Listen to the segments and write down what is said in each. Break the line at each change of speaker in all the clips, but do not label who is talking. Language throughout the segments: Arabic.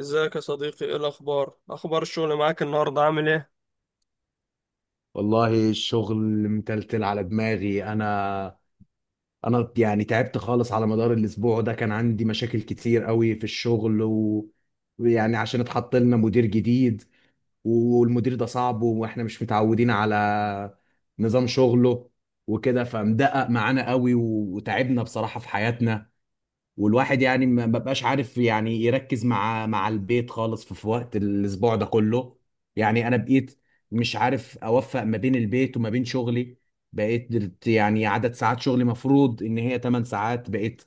ازيك يا صديقي؟ ايه الاخبار؟ اخبار الشغل معاك النهارده، عامل ايه؟
والله الشغل متلتل على دماغي انا. انا يعني تعبت خالص على مدار الاسبوع ده، كان عندي مشاكل كتير قوي في الشغل ويعني عشان اتحط لنا مدير جديد. والمدير ده صعب واحنا مش متعودين على نظام شغله وكده، فمدقق معانا قوي وتعبنا بصراحة في حياتنا. والواحد يعني ما ببقاش عارف يعني يركز مع البيت خالص في وقت الاسبوع ده كله. يعني انا بقيت مش عارف اوفق ما بين البيت وما بين شغلي. بقيت يعني عدد ساعات شغلي مفروض ان هي 8 ساعات، بقيت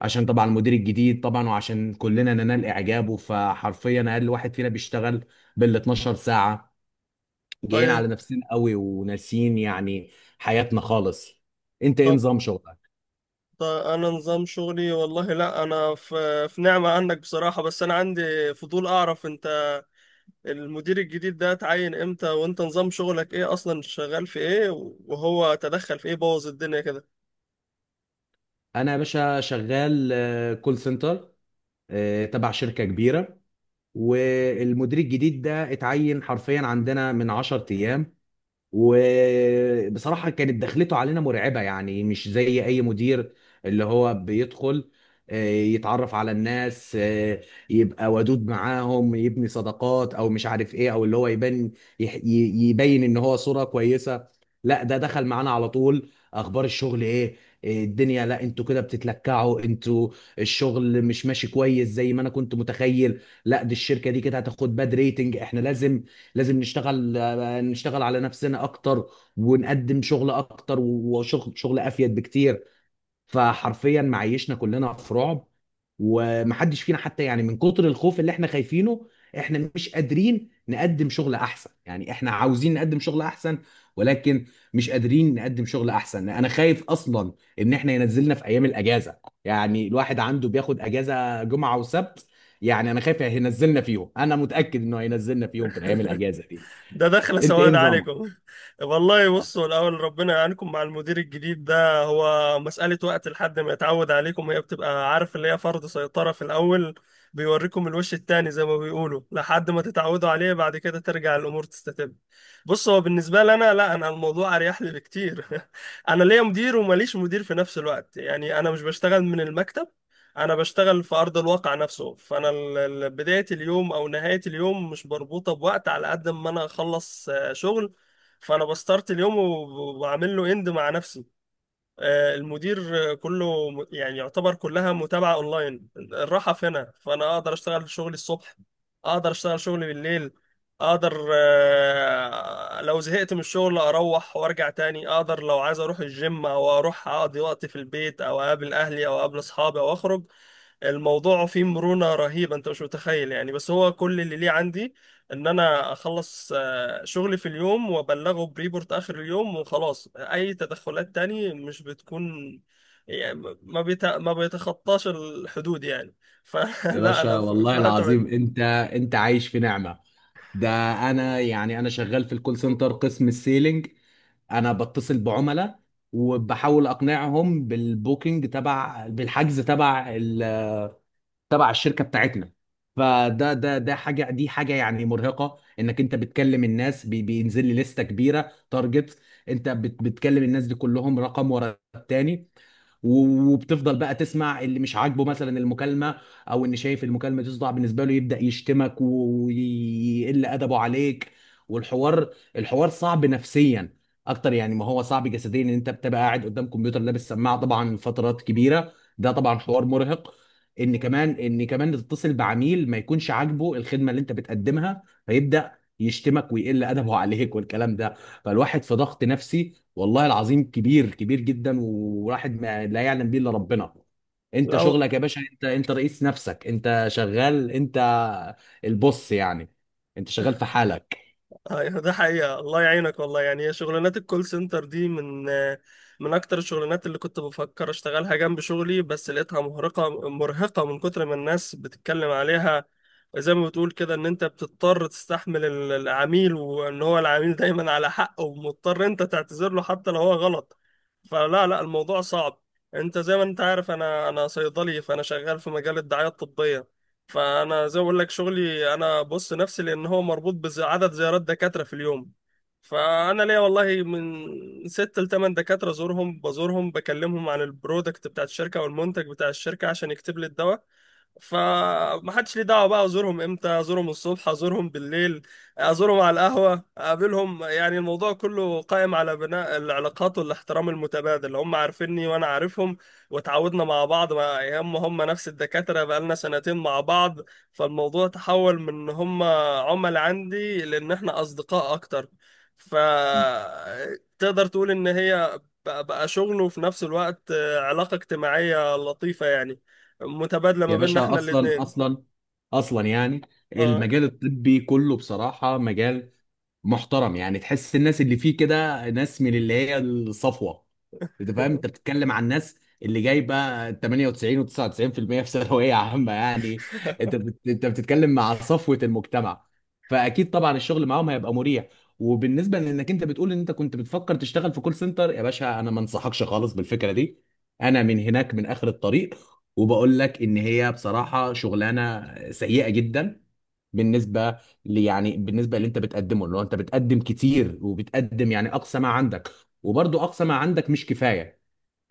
عشان طبعا المدير الجديد طبعا وعشان كلنا ننال اعجابه، فحرفيا اقل واحد فينا بيشتغل بال 12 ساعة. جايين على
طيب.
نفسنا قوي وناسيين يعني حياتنا خالص. انت ايه
طب
نظام شغلك؟
طب, انا نظام شغلي، والله لا، انا في نعمة عنك بصراحة. بس انا عندي فضول اعرف، انت المدير الجديد ده اتعين امتى؟ وانت نظام شغلك ايه اصلا؟ شغال في ايه؟ وهو تدخل في ايه؟ بوظ الدنيا كده؟
انا يا باشا شغال كول سنتر، تبع شركة كبيرة. والمدير الجديد ده اتعين حرفيا عندنا من 10 ايام. وبصراحة كانت دخلته علينا مرعبة، يعني مش زي أي مدير اللي هو بيدخل يتعرف على الناس، يبقى ودود معاهم، يبني صداقات أو مش عارف إيه، أو اللي هو يبان يبين إن هو صورة كويسة. لا، ده دخل معانا على طول: أخبار الشغل إيه؟ الدنيا؟ لا، انتوا كده بتتلكعوا انتوا، الشغل مش ماشي كويس زي ما انا كنت متخيل. لا، دي الشركه دي كده هتاخد باد ريتنج، احنا لازم نشتغل على نفسنا اكتر، ونقدم شغل اكتر وشغل شغل افيد بكتير. فحرفيا معيشنا كلنا في رعب، ومحدش فينا حتى يعني من كتر الخوف اللي احنا خايفينه، احنا مش قادرين نقدم شغل احسن. يعني احنا عاوزين نقدم شغل احسن، ولكن مش قادرين نقدم شغل احسن. انا خايف اصلا ان احنا ينزلنا في ايام الاجازه. يعني الواحد عنده بياخد اجازه جمعه وسبت، يعني انا خايف هينزلنا فيهم، انا متاكد انه هينزلنا فيهم في الايام الاجازه دي.
ده دخلة
انت ايه
سواد
نظامك؟
عليكم والله بصوا الأول، ربنا يعينكم مع المدير الجديد ده. هو مسألة وقت لحد ما يتعود عليكم، هي بتبقى، عارف، اللي هي فرض سيطرة في الأول. بيوريكم الوش التاني زي ما بيقولوا، لحد ما تتعودوا عليه، بعد كده ترجع الأمور تستتب. بص، هو بالنسبة لي أنا، لا، أنا الموضوع أريح لي بكتير أنا ليا مدير ومليش مدير في نفس الوقت، يعني أنا مش بشتغل من المكتب. انا بشتغل في ارض الواقع نفسه، فانا بدايه اليوم او نهايه اليوم مش مربوطه بوقت، على قد ما انا اخلص شغل. فانا بستارت اليوم وبعمل له اند مع نفسي. المدير كله يعني يعتبر كلها متابعة اونلاين، الراحة في هنا. فانا اقدر اشتغل شغلي الصبح، اقدر اشتغل شغلي بالليل، اقدر لو زهقت من الشغل اروح وارجع تاني، اقدر لو عايز اروح الجيم او اروح اقضي وقت في البيت او اقابل اهلي او اقابل اصحابي او اخرج. الموضوع فيه مرونة رهيبة، انت مش متخيل يعني. بس هو كل اللي ليه عندي ان انا اخلص شغلي في اليوم وابلغه بريبورت اخر اليوم وخلاص. اي تدخلات تاني مش بتكون، يعني ما بيتخطاش الحدود يعني.
يا
فلا انا
باشا
في
والله
الحته دي.
العظيم انت، انت عايش في نعمة. ده انا يعني انا شغال في الكول سنتر قسم السيلينج، انا بتصل بعملاء وبحاول اقنعهم بالبوكينج تبع، بالحجز تبع تبع الشركه بتاعتنا. فده ده ده حاجه، دي حاجه يعني مرهقه، انك انت بتكلم الناس، بينزل لي لسته كبيره تارجت. انت بتكلم الناس دي كلهم رقم ورا التاني، وبتفضل بقى تسمع اللي مش عاجبه مثلا المكالمه، او ان شايف المكالمه تصدع بالنسبه له يبدا يشتمك ويقل ادبه عليك. والحوار الحوار صعب نفسيا اكتر يعني ما هو صعب جسديا، ان انت بتبقى قاعد قدام كمبيوتر لابس سماعه طبعا فترات كبيره، ده طبعا حوار مرهق. ان كمان تتصل بعميل ما يكونش عاجبه الخدمه اللي انت بتقدمها، فيبدا يشتمك ويقل ادبه عليك والكلام ده. فالواحد في ضغط نفسي والله العظيم كبير كبير جدا، وواحد ما لا يعلم به الا ربنا. انت
لو
شغلك يا باشا، انت رئيس نفسك، انت شغال، انت البص يعني، انت شغال في حالك.
ايوه، ده حقيقة، الله يعينك والله. يعني هي شغلانات الكول سنتر دي من اكتر الشغلانات اللي كنت بفكر اشتغلها جنب شغلي، بس لقيتها مرهقة، مرهقة من كتر ما الناس بتتكلم عليها. زي ما بتقول كده، ان انت بتضطر تستحمل العميل، وان هو العميل دايما على حق، ومضطر انت تعتذر له حتى لو هو غلط. فلا لا، الموضوع صعب. انت زي ما انت عارف، انا صيدلي، فانا شغال في مجال الدعاية الطبية. فانا زي ما بقول لك، شغلي انا بص نفسي لان هو مربوط بعدد زيارات دكاتره في اليوم. فانا ليا والله من 6 لثمان دكاتره بزورهم، بكلمهم عن البرودكت بتاع الشركه والمنتج بتاع الشركه عشان يكتب لي الدواء. فمحدش ليه دعوه بقى، ازورهم امتى، ازورهم الصبح، ازورهم بالليل، ازورهم على القهوه، اقابلهم. يعني الموضوع كله قائم على بناء العلاقات والاحترام المتبادل، هم عارفيني وانا عارفهم، واتعودنا مع بعض. مع هم هم نفس الدكاترة بقالنا سنتين مع بعض. فالموضوع تحول من ان هم عملاء عندي لان احنا اصدقاء اكتر. فتقدر تقول ان هي بقى شغل، وفي نفس الوقت علاقة اجتماعية لطيفة، يعني متبادلة ما
يا
بيننا
باشا،
احنا
اصلا
الاتنين.
اصلا يعني
اه
المجال الطبي كله بصراحه مجال محترم، يعني تحس الناس اللي فيه كده ناس من اللي هي الصفوه. انت فاهم، انت بتتكلم عن ناس اللي جايبه 98 و99% في ثانويه عامه يعني. انت بتتكلم مع صفوه المجتمع، فاكيد طبعا الشغل معاهم هيبقى مريح. وبالنسبه لانك انت بتقول ان انت كنت بتفكر تشتغل في كول سنتر، يا باشا انا ما انصحكش خالص بالفكره دي. انا من هناك من اخر الطريق، وبقول لك ان هي بصراحه شغلانه سيئه جدا بالنسبه لي. يعني بالنسبه اللي انت بتقدمه، اللي هو انت بتقدم كتير وبتقدم يعني اقصى ما عندك، وبرضه اقصى ما عندك مش كفايه.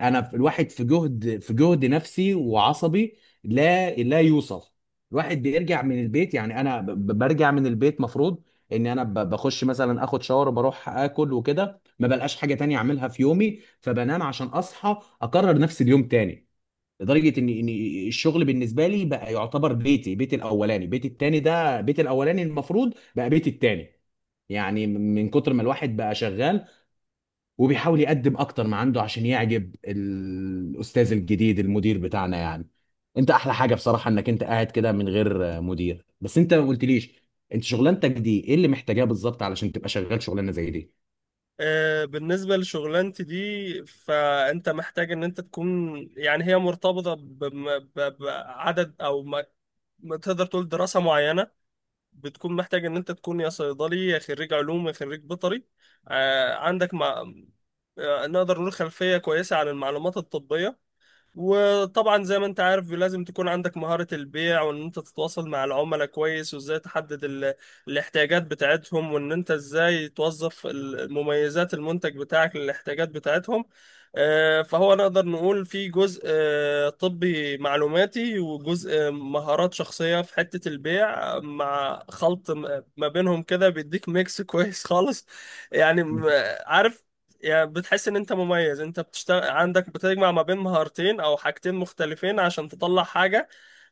الواحد في جهد نفسي وعصبي لا يوصف. الواحد بيرجع من البيت، يعني انا برجع من البيت، مفروض ان انا بخش مثلا اخد شاور وبروح اكل وكده، ما بلقاش حاجه تانية اعملها في يومي، فبنام عشان اصحى اكرر نفس اليوم تاني. لدرجه ان الشغل بالنسبه لي بقى يعتبر بيتي، بيتي الاولاني. بيتي التاني ده بيتي الاولاني، المفروض بقى بيتي التاني. يعني من كتر ما الواحد بقى شغال وبيحاول يقدم اكتر ما عنده عشان يعجب الاستاذ الجديد المدير بتاعنا يعني. انت احلى حاجه بصراحه انك انت قاعد كده من غير مدير، بس انت ما قلتليش: انت شغلانتك دي ايه اللي محتاجاه بالظبط علشان تبقى شغال شغلانه زي دي؟
بالنسبة لشغلانتي دي، فأنت محتاج إن أنت تكون، يعني هي مرتبطة بعدد، أو ما تقدر تقول دراسة معينة. بتكون محتاج ان انت تكون يا صيدلي يا خريج علوم يا خريج بيطري. عندك نقدر نقول خلفية كويسة عن المعلومات الطبية. وطبعا زي ما انت عارف، لازم تكون عندك مهارة البيع، وان انت تتواصل مع العملاء كويس، وازاي تحدد الاحتياجات بتاعتهم، وان انت ازاي توظف مميزات المنتج بتاعك للاحتياجات بتاعتهم. فهو نقدر نقول في جزء طبي معلوماتي، وجزء مهارات شخصية في حتة البيع، مع خلط ما بينهم كده بيديك ميكس كويس خالص. يعني عارف، يعني بتحس ان انت مميز، انت بتشتغل عندك بتجمع ما بين مهارتين او حاجتين مختلفين عشان تطلع حاجة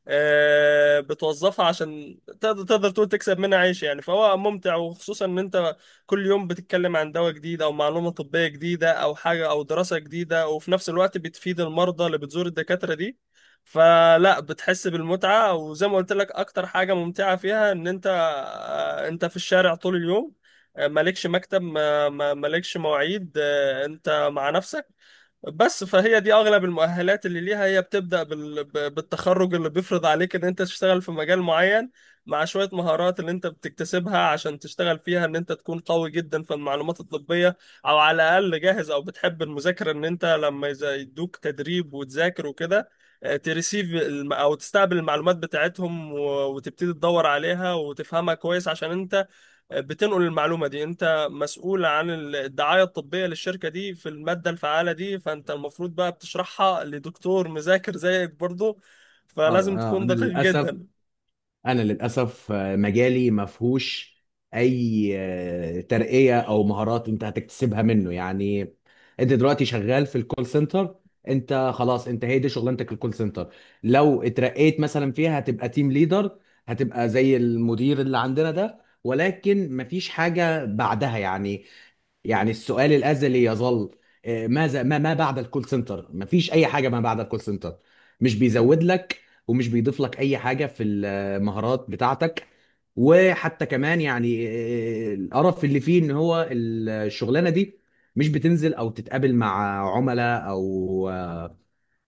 بتوظفها عشان تقدر تقول تكسب منها عيش يعني. فهو ممتع، وخصوصا ان انت كل يوم بتتكلم عن دواء جديد او معلومة طبية جديدة او حاجة او دراسة جديدة، وفي نفس الوقت بتفيد المرضى اللي بتزور الدكاترة دي. فلا، بتحس بالمتعة. وزي ما قلت لك، اكتر حاجة ممتعة فيها ان انت انت في الشارع طول اليوم، مالكش مكتب، مالكش مواعيد، انت مع نفسك بس. فهي دي اغلب المؤهلات اللي ليها، هي بتبدا بالتخرج اللي بيفرض عليك ان انت تشتغل في مجال معين، مع شويه مهارات اللي انت بتكتسبها عشان تشتغل فيها، ان انت تكون قوي جدا في المعلومات الطبيه، او على الاقل جاهز، او بتحب المذاكره، ان انت لما يدوك تدريب وتذاكر وكده تريسيف الم- او تستقبل المعلومات بتاعتهم وتبتدي تدور عليها وتفهمها كويس، عشان انت بتنقل المعلومه دي. انت مسؤول عن الدعايه الطبيه للشركه دي في الماده الفعاله دي، فانت المفروض بقى بتشرحها لدكتور مذاكر زيك برضه،
اه.
فلازم تكون
انا
دقيق
للاسف،
جدا.
انا للاسف مجالي ما فيهوش اي ترقيه او مهارات انت هتكتسبها منه يعني. انت دلوقتي شغال في الكول سنتر، انت خلاص، انت هي دي شغلانتك، الكول سنتر. لو اترقيت مثلا فيها هتبقى تيم ليدر، هتبقى زي المدير اللي عندنا ده، ولكن مفيش حاجه بعدها يعني. يعني السؤال الأزلي يظل: ماذا؟ ما بعد الكول سنتر؟ مفيش أي حاجة ما بعد الكول سنتر. مش بيزود لك، ومش بيضيف لك أي حاجة في المهارات بتاعتك. وحتى كمان يعني القرف اللي فيه إن هو الشغلانة دي مش بتنزل أو تتقابل مع عملاء أو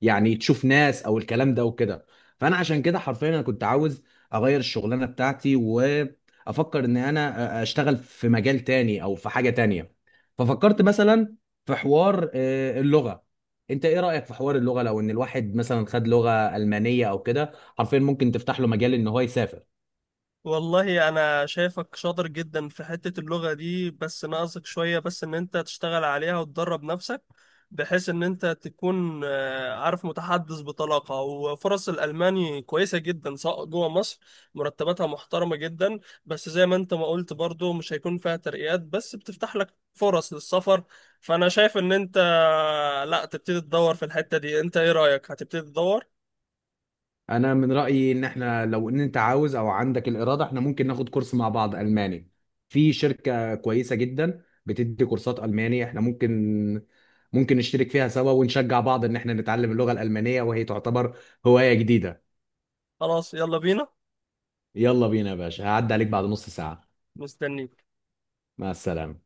يعني تشوف ناس أو الكلام ده وكده. فأنا عشان كده حرفيا أنا كنت عاوز أغير الشغلانة بتاعتي، وأفكر إن أنا أشتغل في مجال تاني أو في حاجة تانية. ففكرت مثلا في حوار اللغه. انت ايه رايك في حوار اللغه، لو ان الواحد مثلا خد لغه المانيه او كده حرفيا ممكن تفتح له مجال ان هو يسافر؟
والله انا شايفك شاطر جدا في حتة اللغة دي، بس ناقصك شوية بس ان انت تشتغل عليها وتدرب نفسك، بحيث ان انت تكون عارف، متحدث بطلاقة. وفرص الالماني كويسة جدا سواء جوه مصر، مرتباتها محترمة جدا. بس زي ما انت ما قلت برضو، مش هيكون فيها ترقيات، بس بتفتح لك فرص للسفر. فانا شايف ان انت لا، تبتدي تدور في الحتة دي. انت ايه رأيك؟ هتبتدي تدور؟
انا من رايي ان احنا، لو ان انت عاوز او عندك الاراده، احنا ممكن ناخد كورس مع بعض الماني. في شركه كويسه جدا بتدي كورسات الماني، احنا ممكن نشترك فيها سوا ونشجع بعض ان احنا نتعلم اللغه الالمانيه، وهي تعتبر هوايه جديده.
خلاص، يلا بينا.
يلا بينا يا باشا، هعدي عليك بعد نص ساعه.
مستنيك.
مع السلامه.